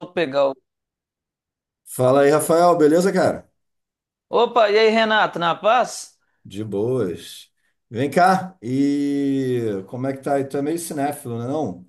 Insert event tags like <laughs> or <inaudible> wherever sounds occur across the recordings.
Vou pegar o. Fala aí, Rafael, beleza, cara? Opa, e aí, Renato, na paz? De boas. Vem cá, e como é que tá aí? Tu é meio cinéfilo, né, não?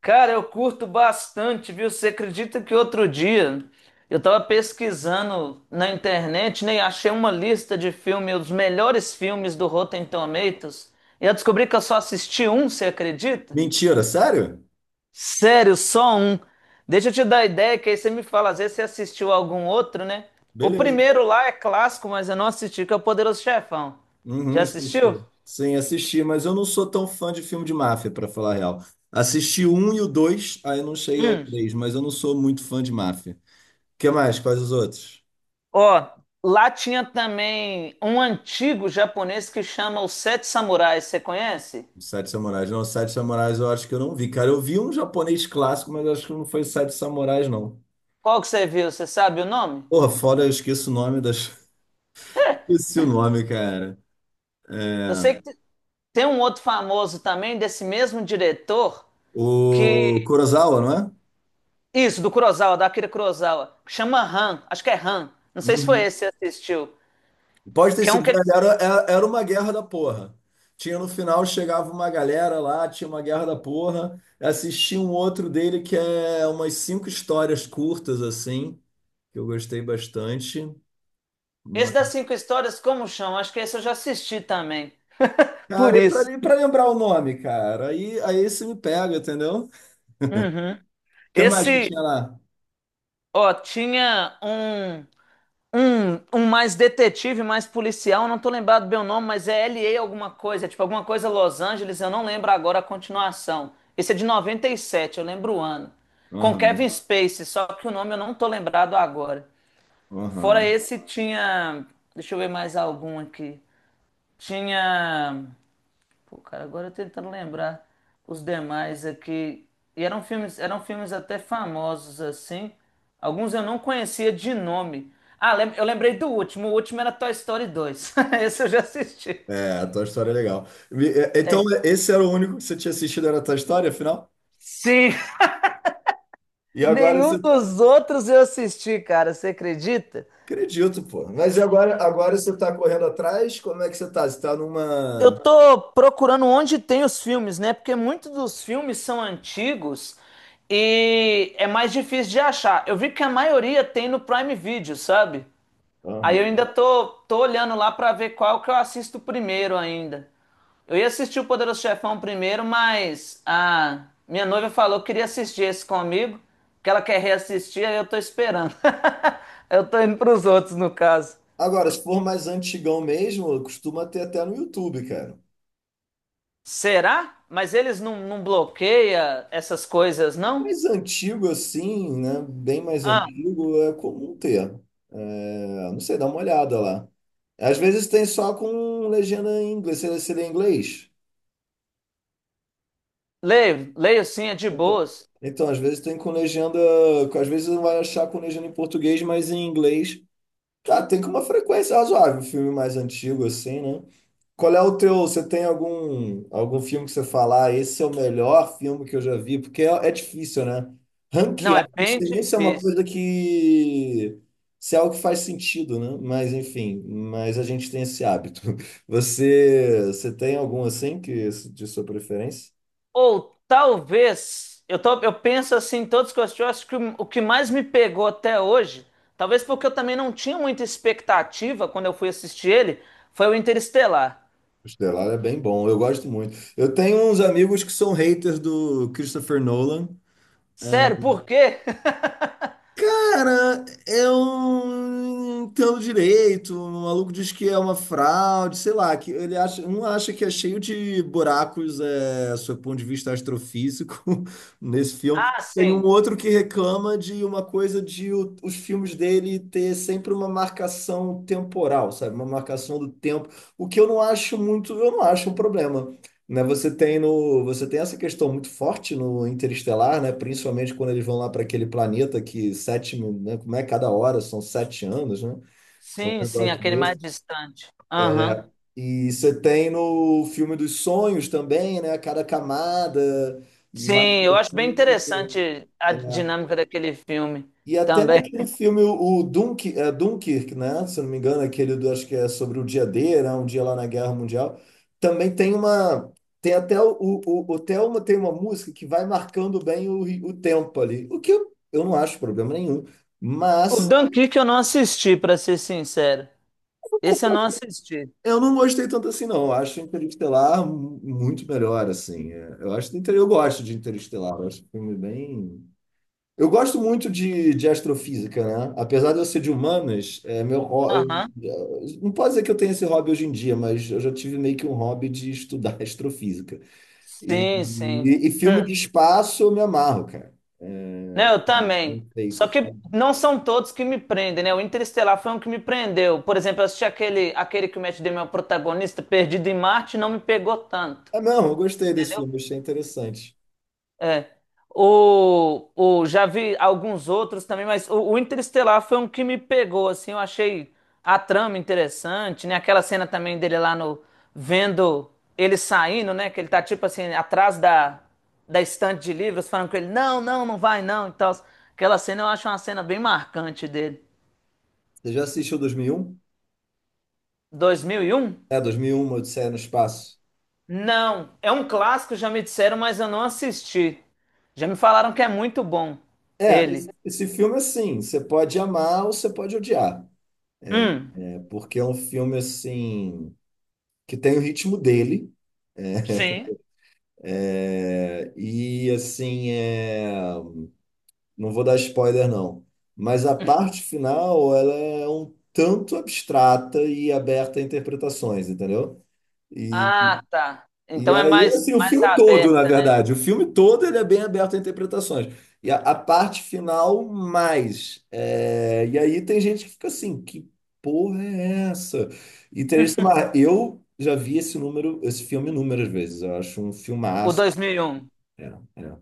Cara, eu curto bastante, viu? Você acredita que outro dia eu tava pesquisando na internet, né, e achei uma lista de filmes, os melhores filmes do Rotten Tomatoes, e eu descobri que eu só assisti um? Você acredita? Mentira, sério? Sério, só um. Deixa eu te dar a ideia, que aí você me fala, às vezes você assistiu algum outro, né? O Beleza. primeiro lá é clássico, mas eu não assisti, que é o Poderoso Chefão. Uhum, Já assistiu? assisti. Sim, assisti, mas eu não sou tão fã de filme de máfia, pra falar a real. Assisti o um e o dois, aí não cheguei ao três, mas eu não sou muito fã de máfia. O que mais? Quais os outros? Ó, lá tinha também um antigo japonês que chama Os Sete Samurais, você conhece? Os Sete Samurais. Não, os Sete Samurais eu acho que eu não vi, cara. Eu vi um japonês clássico, mas acho que não foi Sete Samurais, não. Qual que você viu? Você sabe o nome? Porra, foda, eu esqueço o nome das... <laughs> Esqueci o nome, cara. Eu É, sei que te- Tem um outro famoso também desse mesmo diretor que o Kurosawa, não é? isso, do Kurosawa, da Akira Kurosawa, que chama Han, acho que é Han. Não sei se foi Uhum. esse que você assistiu. Pode ter Que é um sido, que ele... velho, era uma guerra da porra. Tinha no final, chegava uma galera lá, tinha uma guerra da porra. Assisti um outro dele que é umas cinco histórias curtas, assim, que eu gostei bastante. Esse das Mas- cinco histórias como chama? Acho que esse eu já assisti também. Por Cara, e isso. pra, e pra lembrar o nome, cara, aí isso me pega, entendeu? O Uhum. que mais que Esse, tinha lá? ó, tinha um. Um mais detetive, mais policial, eu não tô lembrado bem o nome, mas é LA alguma coisa, é tipo alguma coisa Los Angeles, eu não lembro agora a continuação. Esse é de 97, eu lembro o ano. Com Kevin Aham, Spacey, só que o nome eu não tô lembrado agora. Fora aham. esse, tinha. Deixa eu ver mais algum aqui. Tinha. Pô, cara, agora eu tentando lembrar os demais aqui. E eram filmes até famosos assim. Alguns eu não conhecia de nome. Ah, eu lembrei do último. O último era Toy Story 2. <laughs> Esse eu já assisti. É, a tua história é legal. Então, É. esse era o único que você tinha assistido, era a tua história, afinal? Sim, <laughs> E agora nenhum você. dos outros eu assisti, cara, você acredita? Acredito, pô. Mas e agora você tá correndo atrás? Como é que você tá? Você tá Eu numa. tô procurando onde tem os filmes, né? Porque muitos dos filmes são antigos e é mais difícil de achar. Eu vi que a maioria tem no Prime Video, sabe? Aí eu ainda Aham. tô olhando lá pra ver qual que eu assisto primeiro ainda. Eu ia assistir o Poderoso Chefão primeiro, mas a minha noiva falou que queria assistir esse comigo, que ela quer reassistir, aí eu tô esperando. <laughs> Eu tô indo pros outros, no caso. Agora, se for mais antigão mesmo, costuma ter até no YouTube, cara. Será? Mas eles não, não bloqueia essas coisas, não? Mais antigo assim, né? Bem mais Ah, antigo, é comum ter. É, não sei, dá uma olhada lá. Às vezes tem só com legenda em inglês. Você lê em inglês? leio, leio sim, é de Então, boas. então, às vezes tem com legenda. Às vezes não vai achar com legenda em português, mas em inglês. Tá, tem que uma frequência razoável, um filme mais antigo assim, né? Qual é o teu, você tem algum filme que você falar, "Ah, esse é o melhor filme que eu já vi?" Porque é difícil, né? Não, Ranquear, é não bem sei nem se é uma coisa difícil. que se é algo que faz sentido, né? Mas enfim, mas a gente tem esse hábito. <laughs> Você tem algum assim que de sua preferência? Ou talvez, eu, tô, eu penso assim, em todos que eu assisti, eu acho que o que mais me pegou até hoje, talvez porque eu também não tinha muita expectativa quando eu fui assistir ele, foi o Interestelar. O Estelar é bem bom, eu gosto muito. Eu tenho uns amigos que são haters do Christopher Nolan. Sério, eh, por quê? <laughs> Cara, eu não entendo direito. O maluco diz que é uma fraude, sei lá, que ele acha, um acha que é cheio de buracos, sob o ponto de vista astrofísico, <laughs> nesse filme. Ah, Tem um sim. outro que reclama de uma coisa de os filmes dele ter sempre uma marcação temporal, sabe? Uma marcação do tempo, o que eu não acho muito, eu não acho um problema, né, você tem no, você tem essa questão muito forte no Interestelar, né, principalmente quando eles vão lá para aquele planeta que né, como é cada hora, são 7 anos, né, um Sim, sim, negócio aquele mais desse. distante. Aham. E você tem no filme dos sonhos também, né, cada camada mais Sim, eu acho bem profundo. interessante a dinâmica daquele filme E até também. naquele filme, o Dunkirk, né? Se eu não me engano, é aquele acho que é sobre o dia D, né? Um dia lá na Guerra Mundial. Também tem uma. Tem até o Thelma tem uma música que vai marcando bem o tempo ali. O que eu não acho problema nenhum. O Mas Dunkirk eu não assisti, pra ser sincero. Esse eu não assisti. eu não gostei tanto assim, não. Eu acho Interestelar muito melhor, assim. É, eu acho que eu gosto de Interestelar. Eu acho um filme bem. Eu gosto muito de astrofísica, né? Apesar de eu ser de humanas, é meu, ho- Aham. eu- não pode dizer que eu tenho esse hobby hoje em dia, mas eu já tive meio que um hobby de estudar <laughs> astrofísica. E, Sim, sim. e filme de Hum. espaço eu me amarro, cara. Né, eu também. Bem feito, Só que sabe? não são todos que me prendem, né? O Interestelar foi um que me prendeu. Por exemplo, eu assisti aquele, aquele que o Matt Damon é o protagonista, Perdido em Marte, não me pegou tanto, É mesmo, eu gostei desse entendeu? filme, achei interessante. É. Já vi alguns outros também, mas o Interestelar foi um que me pegou, assim, eu achei a trama interessante, né? Aquela cena também dele lá no, vendo ele saindo, né? Que ele tá, tipo assim, atrás da estante de livros, falando com ele, não, não, não vai, não, e tal. Aquela cena eu acho uma cena bem marcante dele. Você já assistiu 2001? 2001? É, 2001, Odisseia no Espaço. Não, é um clássico, já me disseram, mas eu não assisti. Já me falaram que é muito bom, É, ele. esse filme, assim, você pode amar ou você pode odiar, Hum, né? Porque é um filme, assim, que tem o ritmo dele. sim. É, e assim, não vou dar spoiler não, mas a parte final ela é um tanto abstrata e aberta a interpretações, entendeu? E, Ah, tá. e Então é aí, mais, assim, o mais filme todo, na aberta, né? verdade, o filme todo ele é bem aberto a interpretações. E a parte final, mais. É, e aí tem gente que fica assim, que porra é essa? E tem gente que fala, "Ah, eu já vi esse filme inúmeras vezes, eu acho um O filmaço." 2001. É, é.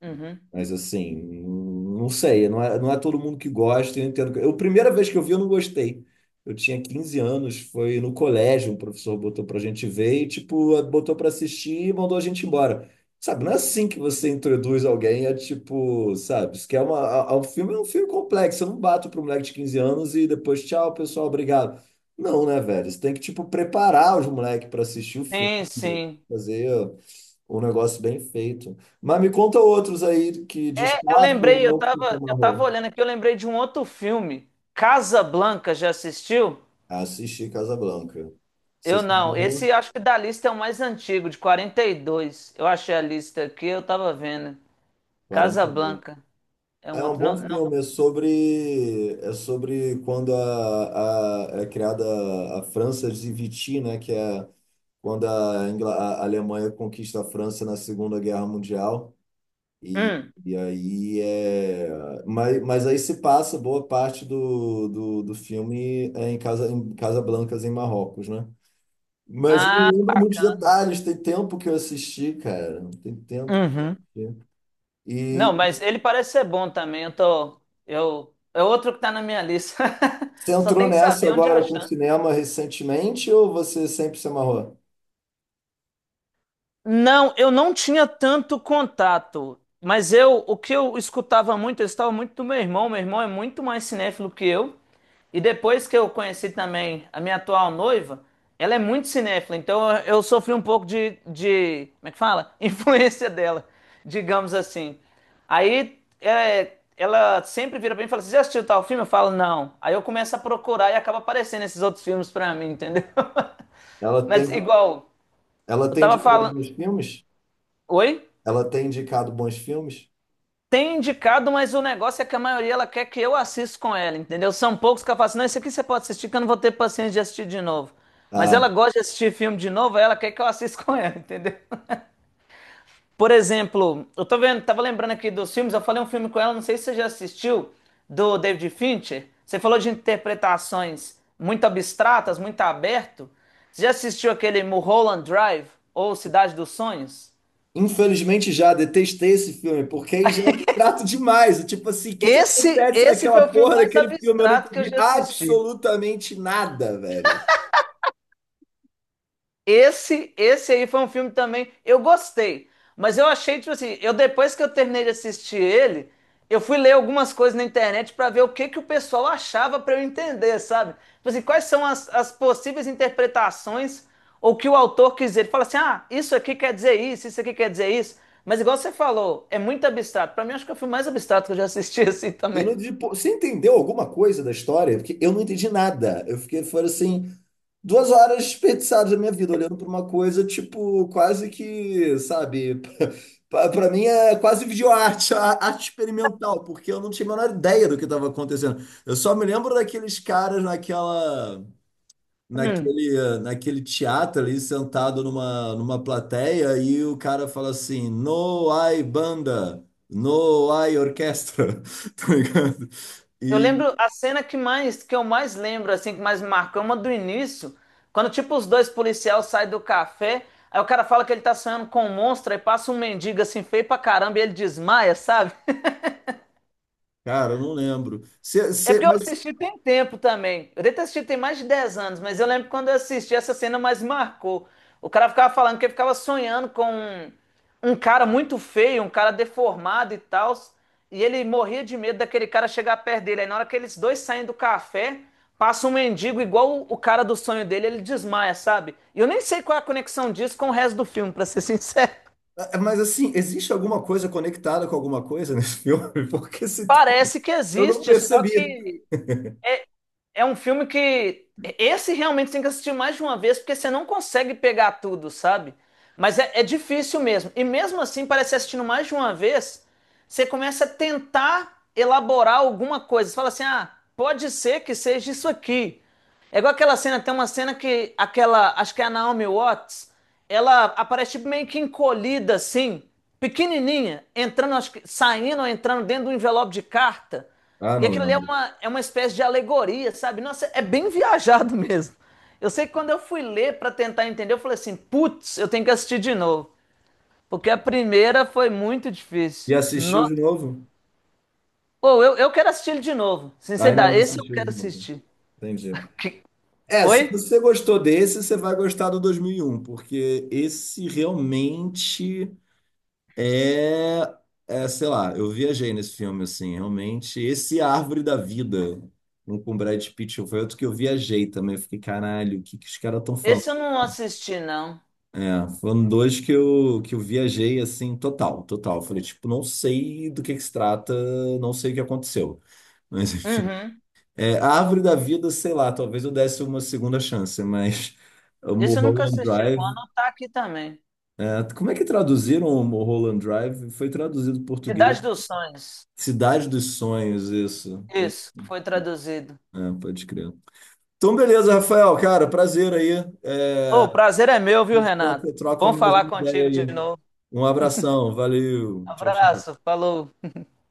Uhum. Mas assim, não sei, não é todo mundo que gosta, eu entendo. Eu, a primeira vez que eu vi, eu não gostei. Eu tinha 15 anos, foi no colégio, um professor botou pra gente ver e, tipo, botou pra assistir e mandou a gente embora. Sabe, não é assim que você introduz alguém, é tipo, sabe, isso que é uma, a- um filme, é um filme complexo, eu não bato pro moleque de 15 anos e depois, tchau, pessoal, obrigado. Não, né, velho? Você tem que, tipo, preparar os moleques pra assistir o filme, Sim, sim. fazer. Um negócio bem feito. Mas me conta outros aí que É, eu destaque ou lembrei, não que você eu tava amarrou. olhando aqui, eu lembrei de um outro filme. Casa Blanca, já assistiu? Assisti Casablanca. Você Eu se não. amarrou? Esse acho que da lista é o mais antigo, de 42. Eu achei a lista aqui, eu tava vendo. Casa 42. Blanca é um É um outro. bom Não, não. filme, é sobre quando é criada a França de Vichy, né? Que é quando a Alemanha conquista a França na Segunda Guerra Mundial. E, Hum. e aí é. Mas aí se passa boa parte do filme é em Casablancas, em Marrocos, né? Mas eu não Ah, lembro muitos bacana. detalhes, tem tempo que eu assisti, cara. Tem tempo. Uhum. que- Não, E mas ele parece ser bom também. Eu tô. Eu, é outro que tá na minha lista. <laughs> você Só entrou tem que nessa saber onde agora com o achar. cinema recentemente ou você sempre se amarrou? Não, eu não tinha tanto contato, mas eu, o que eu escutava muito, eu estava muito do meu irmão é muito mais cinéfilo que eu, e depois que eu conheci também a minha atual noiva, ela é muito cinéfila, então eu sofri um pouco de, como é que fala? <laughs> Influência dela, digamos assim. Aí é, ela sempre vira pra mim e fala, assim, você já assistiu tal filme? Eu falo, não. Aí eu começo a procurar e acaba aparecendo esses outros filmes pra mim, entendeu? <laughs> Ela Mas tem, igual, ela eu tem tava indicado falando... bons filmes? Oi? Ela tem indicado bons filmes? Tem indicado, mas o negócio é que a maioria ela quer que eu assista com ela, entendeu? São poucos que ela fala assim, não, esse aqui você pode assistir que eu não vou ter paciência de assistir de novo. Mas Ah, ela gosta de assistir filme de novo, aí ela quer que eu assista com ela, <laughs> entendeu? Por exemplo, eu tô vendo, tava lembrando aqui dos filmes, eu falei um filme com ela, não sei se você já assistiu, do David Fincher. Você falou de interpretações muito abstratas, muito aberto. Você já assistiu aquele Mulholland Drive ou Cidade dos Sonhos? infelizmente já detestei esse filme, porque aí já é abstrato demais. Tipo assim, o que que Esse, acontece esse naquela foi o filme porra mais daquele filme? Eu não abstrato que eu entendi já assisti. absolutamente nada, velho. Esse aí foi um filme também. Eu gostei, mas eu achei, tipo assim, eu depois que eu terminei de assistir ele, eu fui ler algumas coisas na internet pra ver o que que o pessoal achava pra eu entender, sabe? Tipo assim, quais são as possíveis interpretações ou que o autor quis dizer. Ele fala assim: ah, isso aqui quer dizer isso, isso aqui quer dizer isso. Mas igual você falou, é muito abstrato. Pra mim, acho que é o filme mais abstrato que eu já assisti <laughs> assim Eu também. não entendi. Pô, você entendeu alguma coisa da história? Porque eu não entendi nada. Eu fiquei, foram assim, 2 horas desperdiçadas da minha vida, olhando pra uma coisa, tipo, quase que, sabe? <laughs> Pra mim é quase videoarte, arte experimental, porque eu não tinha a menor ideia do que estava acontecendo. Eu só me lembro daqueles caras naquela. Hum. Naquele teatro ali, sentado numa plateia, e o cara fala assim: No hay banda, no hay orquestra, <laughs> tá ligado? Eu E, lembro a cena que mais que eu mais lembro, assim, que mais me marcou, é uma do início, quando tipo os dois policiais saem do café, aí o cara fala que ele tá sonhando com um monstro, aí passa um mendigo assim feio pra caramba e ele desmaia, sabe? cara, eu não lembro. Cê- É cê- porque eu mas, assisti tem tempo também. Eu devo ter assistido tem mais de 10 anos, mas eu lembro que quando eu assisti, essa cena mais marcou. O cara ficava falando que ele ficava sonhando com um, um cara muito feio, um cara deformado e tal. E ele morria de medo daquele cara chegar perto dele. Aí na hora que eles dois saem do café, passa um mendigo igual o cara do sonho dele, ele desmaia, sabe? E eu nem sei qual é a conexão disso com o resto do filme, pra ser sincero. <laughs> eh, mas, assim, existe alguma coisa conectada com alguma coisa nesse <laughs> filme? Porque se tem, Parece que eu não existe, só percebi. que é um filme que esse realmente tem que assistir mais de uma vez, porque você não consegue pegar tudo, sabe? Mas é difícil mesmo. E mesmo assim, parece assistindo mais de uma vez, você começa a tentar elaborar alguma coisa. Você fala assim: ah, pode ser que seja isso aqui. É igual aquela cena, tem uma cena que aquela, acho que é a Naomi Watts, ela aparece tipo, meio que encolhida assim, pequenininha, entrando, acho que, saindo ou entrando dentro de um envelope de carta. Ah, E não aquilo ali lembro. É uma espécie de alegoria, sabe? Nossa, é bem <laughs> viajado mesmo. Eu sei que quando eu fui ler para tentar entender, eu falei assim, putz, eu tenho que assistir de novo, porque a primeira foi muito E difícil. assistiu Nossa. de novo? Pô, eu quero assistir ele de novo. Ah, ainda não Sinceridade, esse eu assistiu de quero novo. assistir. Entendi. <laughs> Que- É, se Oi? você gostou desse, você vai gostar do 2001, porque esse realmente é, sei lá, eu viajei nesse filme, assim, realmente, esse Árvore da Vida, um com Brad Pitt, foi outro que eu viajei também, eu fiquei, caralho, o que que os caras estão falando? Esse eu não assisti, não. É, foram dois que eu viajei, assim, total, total, eu falei, tipo, não sei do que se trata, não sei o que aconteceu, <laughs> mas enfim, Uhum. A Árvore da Vida, sei lá, talvez eu desse uma segunda chance, mas... O Esse eu nunca Mulholland assisti. Vou Drive anotar aqui também. Como é que traduziram o Mulholland Drive? Foi traduzido para português. Cidade dos Sonhos. Cidade dos Sonhos, isso. É, Isso, que foi traduzido. é, pode crer. Então, beleza, Rafael, cara, prazer aí. A Ô, o prazer é meu, viu, gente troca, Renato? troca Bom mais falar uma contigo ideia de aí. novo. Um abração, valeu. Tchau, tchau. Abraço, falou.